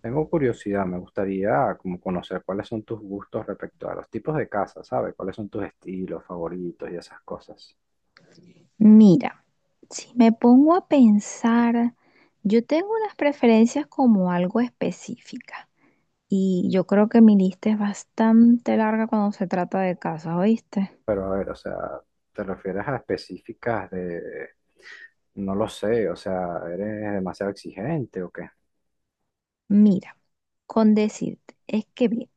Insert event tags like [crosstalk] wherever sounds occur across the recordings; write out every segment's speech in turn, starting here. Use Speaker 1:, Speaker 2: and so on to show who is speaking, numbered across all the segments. Speaker 1: Tengo curiosidad, me gustaría como conocer cuáles son tus gustos respecto a los tipos de casa, ¿sabes? ¿Cuáles son tus estilos favoritos y esas cosas?
Speaker 2: Mira, si me pongo a pensar, yo tengo unas preferencias como algo específicas y yo creo que mi lista es bastante larga cuando se trata de casas, ¿oíste?
Speaker 1: Pero a ver, o sea, ¿te refieres a específicas de, no lo sé, o sea, eres demasiado exigente o qué?
Speaker 2: Mira, con decirte, es que bien,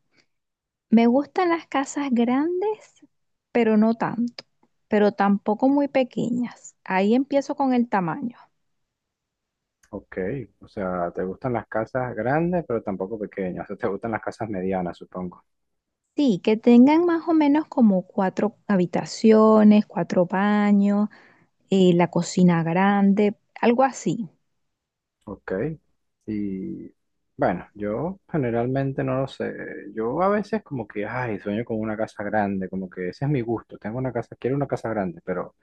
Speaker 2: me gustan las casas grandes, pero no tanto, pero tampoco muy pequeñas. Ahí empiezo con el tamaño.
Speaker 1: Ok, o sea, ¿te gustan las casas grandes pero tampoco pequeñas? O sea, ¿te gustan las casas medianas, supongo?
Speaker 2: Sí, que tengan más o menos como cuatro habitaciones, cuatro baños, la cocina grande, algo así.
Speaker 1: Ok. Y bueno, yo generalmente no lo sé. Yo a veces como que, ay, sueño con una casa grande, como que ese es mi gusto. Tengo una casa, quiero una casa grande,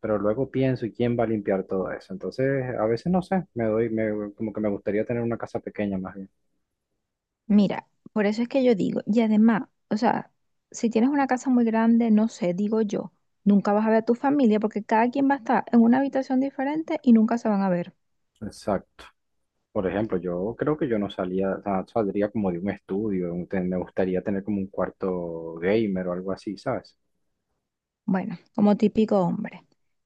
Speaker 1: pero luego pienso, ¿y quién va a limpiar todo eso? Entonces, a veces no sé, me doy, me, como que me gustaría tener una casa pequeña más bien.
Speaker 2: Mira, por eso es que yo digo, y además, o sea, si tienes una casa muy grande, no sé, digo yo, nunca vas a ver a tu familia porque cada quien va a estar en una habitación diferente y nunca se van a ver.
Speaker 1: Exacto. Por ejemplo, yo creo que yo no salía, o sea, saldría como de un estudio, me gustaría tener como un cuarto gamer o algo así, ¿sabes?
Speaker 2: Bueno, como típico hombre.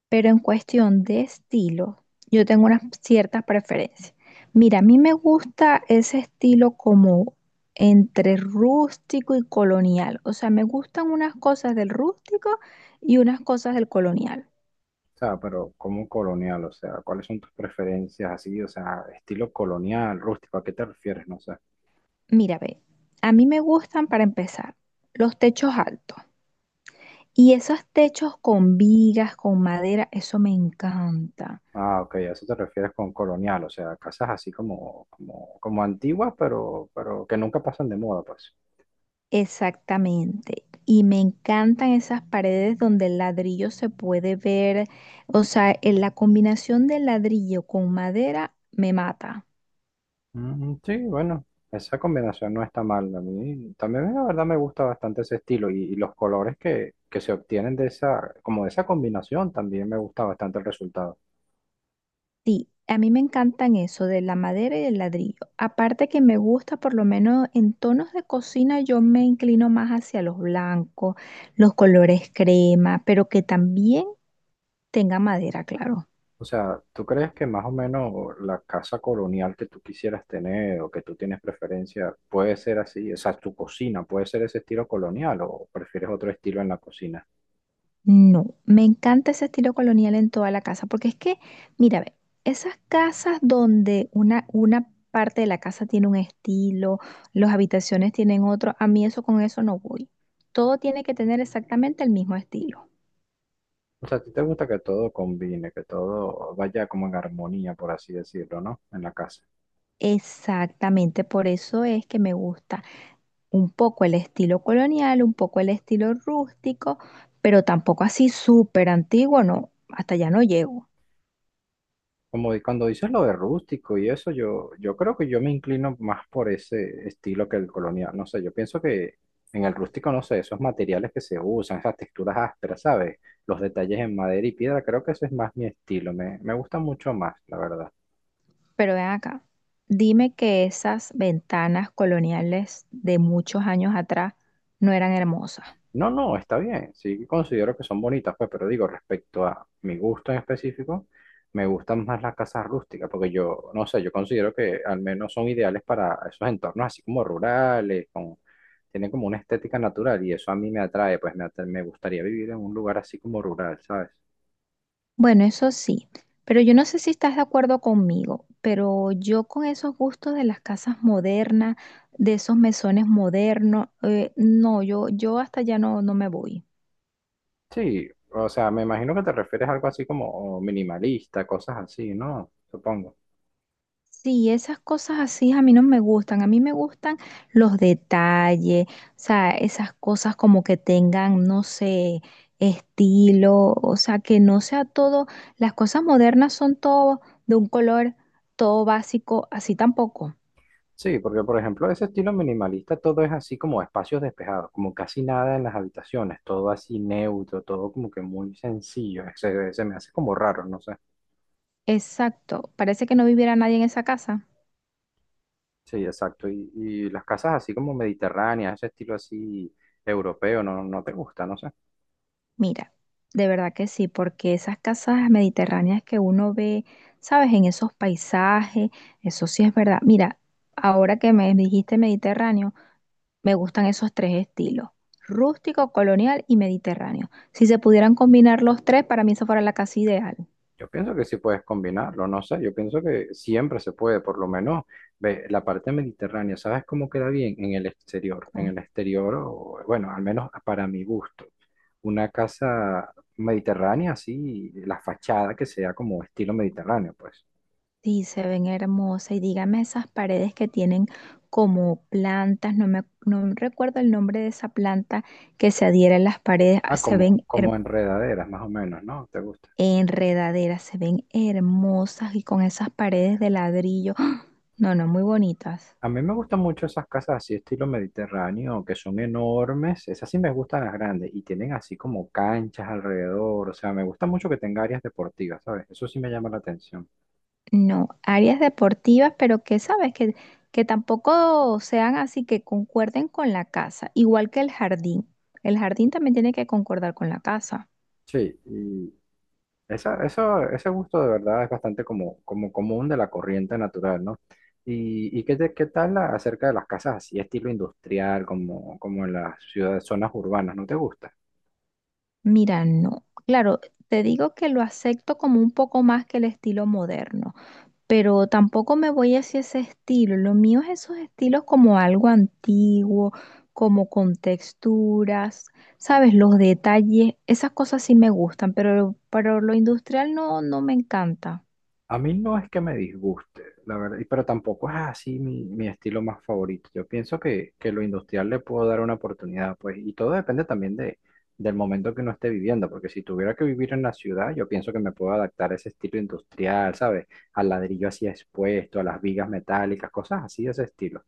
Speaker 2: Pero en cuestión de estilo, yo tengo unas ciertas preferencias. Mira, a mí me gusta ese estilo como entre rústico y colonial. O sea, me gustan unas cosas del rústico y unas cosas del colonial.
Speaker 1: O sea, pero como colonial, o sea, ¿cuáles son tus preferencias así? O sea, estilo colonial, rústico, ¿a qué te refieres? No sé.
Speaker 2: Mira, ve, a mí me gustan para empezar los techos altos y esos techos con vigas, con madera, eso me encanta.
Speaker 1: Ah, ok, a eso te refieres con colonial, o sea, casas así como antiguas, pero que nunca pasan de moda, pues.
Speaker 2: Exactamente. Y me encantan esas paredes donde el ladrillo se puede ver, o sea, en la combinación del ladrillo con madera me mata.
Speaker 1: Mm, sí, bueno, esa combinación no está mal. A mí también la verdad me gusta bastante ese estilo y los colores que se obtienen de esa, como de esa combinación, también me gusta bastante el resultado.
Speaker 2: Sí, a mí me encantan eso de la madera y el ladrillo. Aparte que me gusta, por lo menos en tonos de cocina, yo me inclino más hacia los blancos, los colores crema, pero que también tenga madera, claro.
Speaker 1: O sea, ¿tú crees que más o menos la casa colonial que tú quisieras tener o que tú tienes preferencia puede ser así? O sea, ¿tu cocina puede ser ese estilo colonial o prefieres otro estilo en la cocina?
Speaker 2: No, me encanta ese estilo colonial en toda la casa, porque es que, mira, ve, esas casas donde una parte de la casa tiene un estilo, las habitaciones tienen otro, a mí eso con eso no voy. Todo tiene que tener exactamente el mismo estilo.
Speaker 1: O sea, ¿a ti te gusta que todo combine, que todo vaya como en armonía, por así decirlo, ¿no? En la casa.
Speaker 2: Exactamente, por eso es que me gusta un poco el estilo colonial, un poco el estilo rústico, pero tampoco así súper antiguo, no, hasta allá no llego.
Speaker 1: Como cuando dices lo de rústico y eso, yo creo que yo me inclino más por ese estilo que el colonial. No sé, yo pienso que en el rústico, no sé, esos materiales que se usan, esas texturas ásperas, ¿sabes? Los detalles en madera y piedra, creo que eso es más mi estilo. Me gusta mucho más, la verdad.
Speaker 2: Pero ven acá, dime que esas ventanas coloniales de muchos años atrás no eran hermosas.
Speaker 1: No, no, está bien. Sí considero que son bonitas, pues, pero digo, respecto a mi gusto en específico, me gustan más las casas rústicas, porque yo, no sé, yo considero que al menos son ideales para esos entornos así como rurales, con, tienen como una estética natural y eso a mí me atrae, pues me, me gustaría vivir en un lugar así como rural, ¿sabes?
Speaker 2: Bueno, eso sí, pero yo no sé si estás de acuerdo conmigo, pero yo con esos gustos de las casas modernas, de esos mesones modernos, no, yo hasta allá no, no me voy.
Speaker 1: Sí, o sea, me imagino que te refieres a algo así como minimalista, cosas así, ¿no? Supongo.
Speaker 2: Sí, esas cosas así a mí no me gustan. A mí me gustan los detalles, o sea, esas cosas como que tengan, no sé, estilo, o sea, que no sea todo, las cosas modernas son todo de un color, todo básico, así tampoco.
Speaker 1: Sí, porque por ejemplo, ese estilo minimalista, todo es así como espacios despejados, como casi nada en las habitaciones, todo así neutro, todo como que muy sencillo, se me hace como raro, no sé.
Speaker 2: Exacto, parece que no viviera nadie en esa casa.
Speaker 1: Sí, exacto. Y las casas así como mediterráneas, ese estilo así europeo, no, no te gusta, no sé.
Speaker 2: Mira, de verdad que sí, porque esas casas mediterráneas que uno ve, ¿sabes? En esos paisajes, eso sí es verdad. Mira, ahora que me dijiste Mediterráneo. Me gustan esos tres estilos, rústico, colonial y mediterráneo. Si se pudieran combinar los tres, para mí eso fuera la casa ideal.
Speaker 1: Yo pienso que sí puedes combinarlo, no sé, yo pienso que siempre se puede, por lo menos ve, la parte mediterránea, ¿sabes cómo queda bien? En
Speaker 2: Com-
Speaker 1: el exterior, o, bueno, al menos para mi gusto. Una casa mediterránea, así, la fachada que sea como estilo mediterráneo, pues.
Speaker 2: Sí, se ven hermosas y dígame esas paredes que tienen como plantas, no recuerdo el nombre de esa planta que se adhiera a las paredes, ah,
Speaker 1: Ah, como, como enredaderas, más o menos, ¿no? ¿Te gusta?
Speaker 2: enredaderas, se ven hermosas y con esas paredes de ladrillo. [gasps] ¡Ah! No, no, muy bonitas.
Speaker 1: A mí me gustan mucho esas casas así, estilo mediterráneo, que son enormes. Esas sí me gustan las grandes y tienen así como canchas alrededor. O sea, me gusta mucho que tenga áreas deportivas, ¿sabes? Eso sí me llama la atención.
Speaker 2: No, áreas deportivas, pero que tampoco sean así que concuerden con la casa, igual que el jardín. El jardín también tiene que concordar con la casa.
Speaker 1: Sí, y esa, eso, ese gusto de verdad es bastante como, como común de la corriente natural, ¿no? Y qué, qué tal acerca de las casas así, estilo industrial, como, como en las ciudades, zonas urbanas? ¿No te gusta?
Speaker 2: Mira, no. Claro, te digo que lo acepto como un poco más que el estilo moderno, pero tampoco me voy hacia ese estilo. Lo mío es esos estilos como algo antiguo, como con texturas, sabes, los detalles, esas cosas sí me gustan, pero, lo industrial no, no me encanta.
Speaker 1: A mí no es que me disguste, la verdad, pero tampoco es así mi estilo más favorito. Yo pienso que lo industrial le puedo dar una oportunidad, pues, y todo depende también de, del momento que uno esté viviendo, porque si tuviera que vivir en la ciudad, yo pienso que me puedo adaptar a ese estilo industrial, ¿sabes? Al ladrillo así expuesto, a las vigas metálicas, cosas así de ese estilo.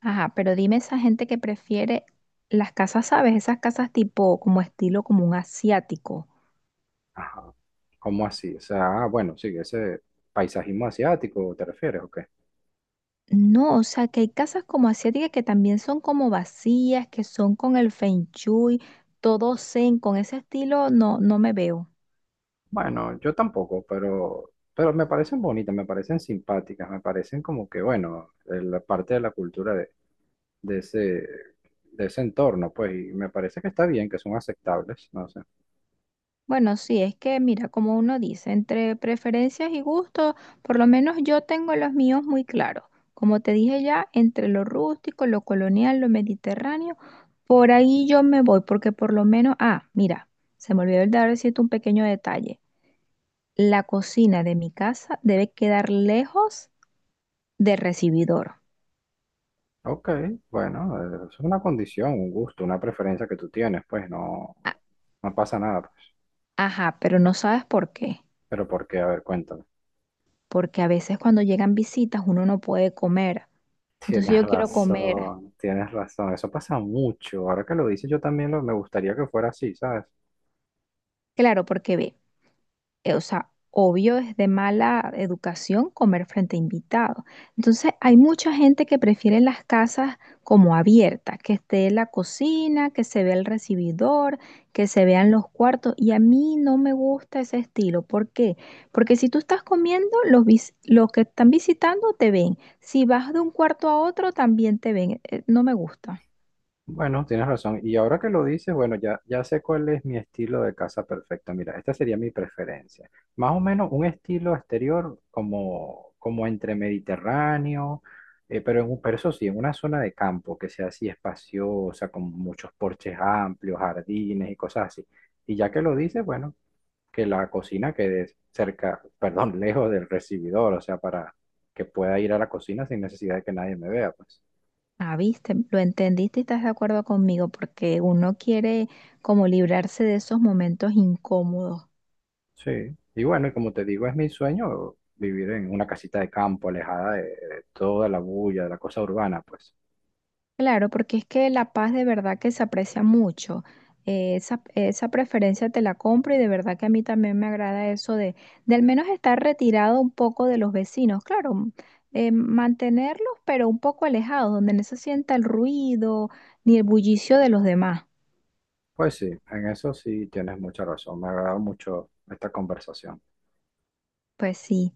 Speaker 2: Ajá, pero dime esa gente que prefiere las casas, ¿sabes? Esas casas tipo como estilo como un asiático.
Speaker 1: Ajá. ¿Cómo así? O sea, ah, bueno, sí, ese paisajismo asiático, ¿te refieres? Ok.
Speaker 2: No, o sea, que hay casas como asiáticas que también son como vacías, que son con el feng shui, todo zen, con ese estilo no, no me veo.
Speaker 1: Bueno, yo tampoco, pero me parecen bonitas, me parecen simpáticas, me parecen como que, bueno, la parte de la cultura de ese, de ese entorno, pues, y me parece que está bien, que son aceptables, no sé.
Speaker 2: Bueno, sí, es que mira, como uno dice, entre preferencias y gustos, por lo menos yo tengo los míos muy claros. Como te dije ya, entre lo rústico, lo colonial, lo mediterráneo, por ahí yo me voy, porque por lo menos, ah, mira, se me olvidó el dar decirte un pequeño detalle. La cocina de mi casa debe quedar lejos del recibidor.
Speaker 1: Ok, bueno, es una condición, un gusto, una preferencia que tú tienes, pues, no,
Speaker 2: A-
Speaker 1: no pasa nada, pues.
Speaker 2: Ajá, pero no sabes por qué,
Speaker 1: Pero ¿por qué? A ver, cuéntame. [laughs]
Speaker 2: porque a veces cuando llegan visitas uno no puede comer, entonces yo quiero comer.
Speaker 1: Tienes razón, eso pasa mucho. Ahora que lo dices, yo también me gustaría que fuera así, ¿sabes?
Speaker 2: Claro, porque ve. O sea, obvio es de mala educación comer frente a invitados. Entonces, hay mucha gente que prefiere las casas como abiertas, que esté la cocina, que se vea el recibidor, que se vean los cuartos. Y a mí no me gusta ese estilo. ¿Por qué? Porque si tú estás comiendo, los, los que están visitando te ven. Si vas de un cuarto a otro, también te ven. No me gusta.
Speaker 1: Bueno, tienes razón. Y ahora que lo dices, bueno, ya sé cuál es mi estilo de casa perfecto. Mira, esta sería mi preferencia. Más o menos un estilo exterior como, como entre mediterráneo, pero eso sí, en una zona de campo que sea así espaciosa, con muchos porches amplios, jardines y cosas así. Y ya que lo dices, bueno, que la cocina quede cerca, perdón, [laughs] lejos del recibidor, o sea, para que pueda ir a la cocina sin necesidad de que nadie me vea, pues.
Speaker 2: Ah, viste, lo entendiste y estás de acuerdo conmigo porque uno quiere como librarse de esos momentos incómodos.
Speaker 1: Sí, y bueno, y como te digo, es mi sueño vivir en una casita de campo, alejada de toda la bulla, de la cosa urbana, pues.
Speaker 2: Claro, porque es que la paz de verdad que se aprecia mucho. Esa preferencia te la compro y de verdad que a mí también me agrada eso de al menos estar retirado un poco de los vecinos. Claro, mantenerlos, pero un poco alejados, donde no se sienta el ruido ni el bullicio de los demás.
Speaker 1: Pues sí, en eso sí tienes mucha razón. Me ha agradado mucho esta conversación.
Speaker 2: Pues sí.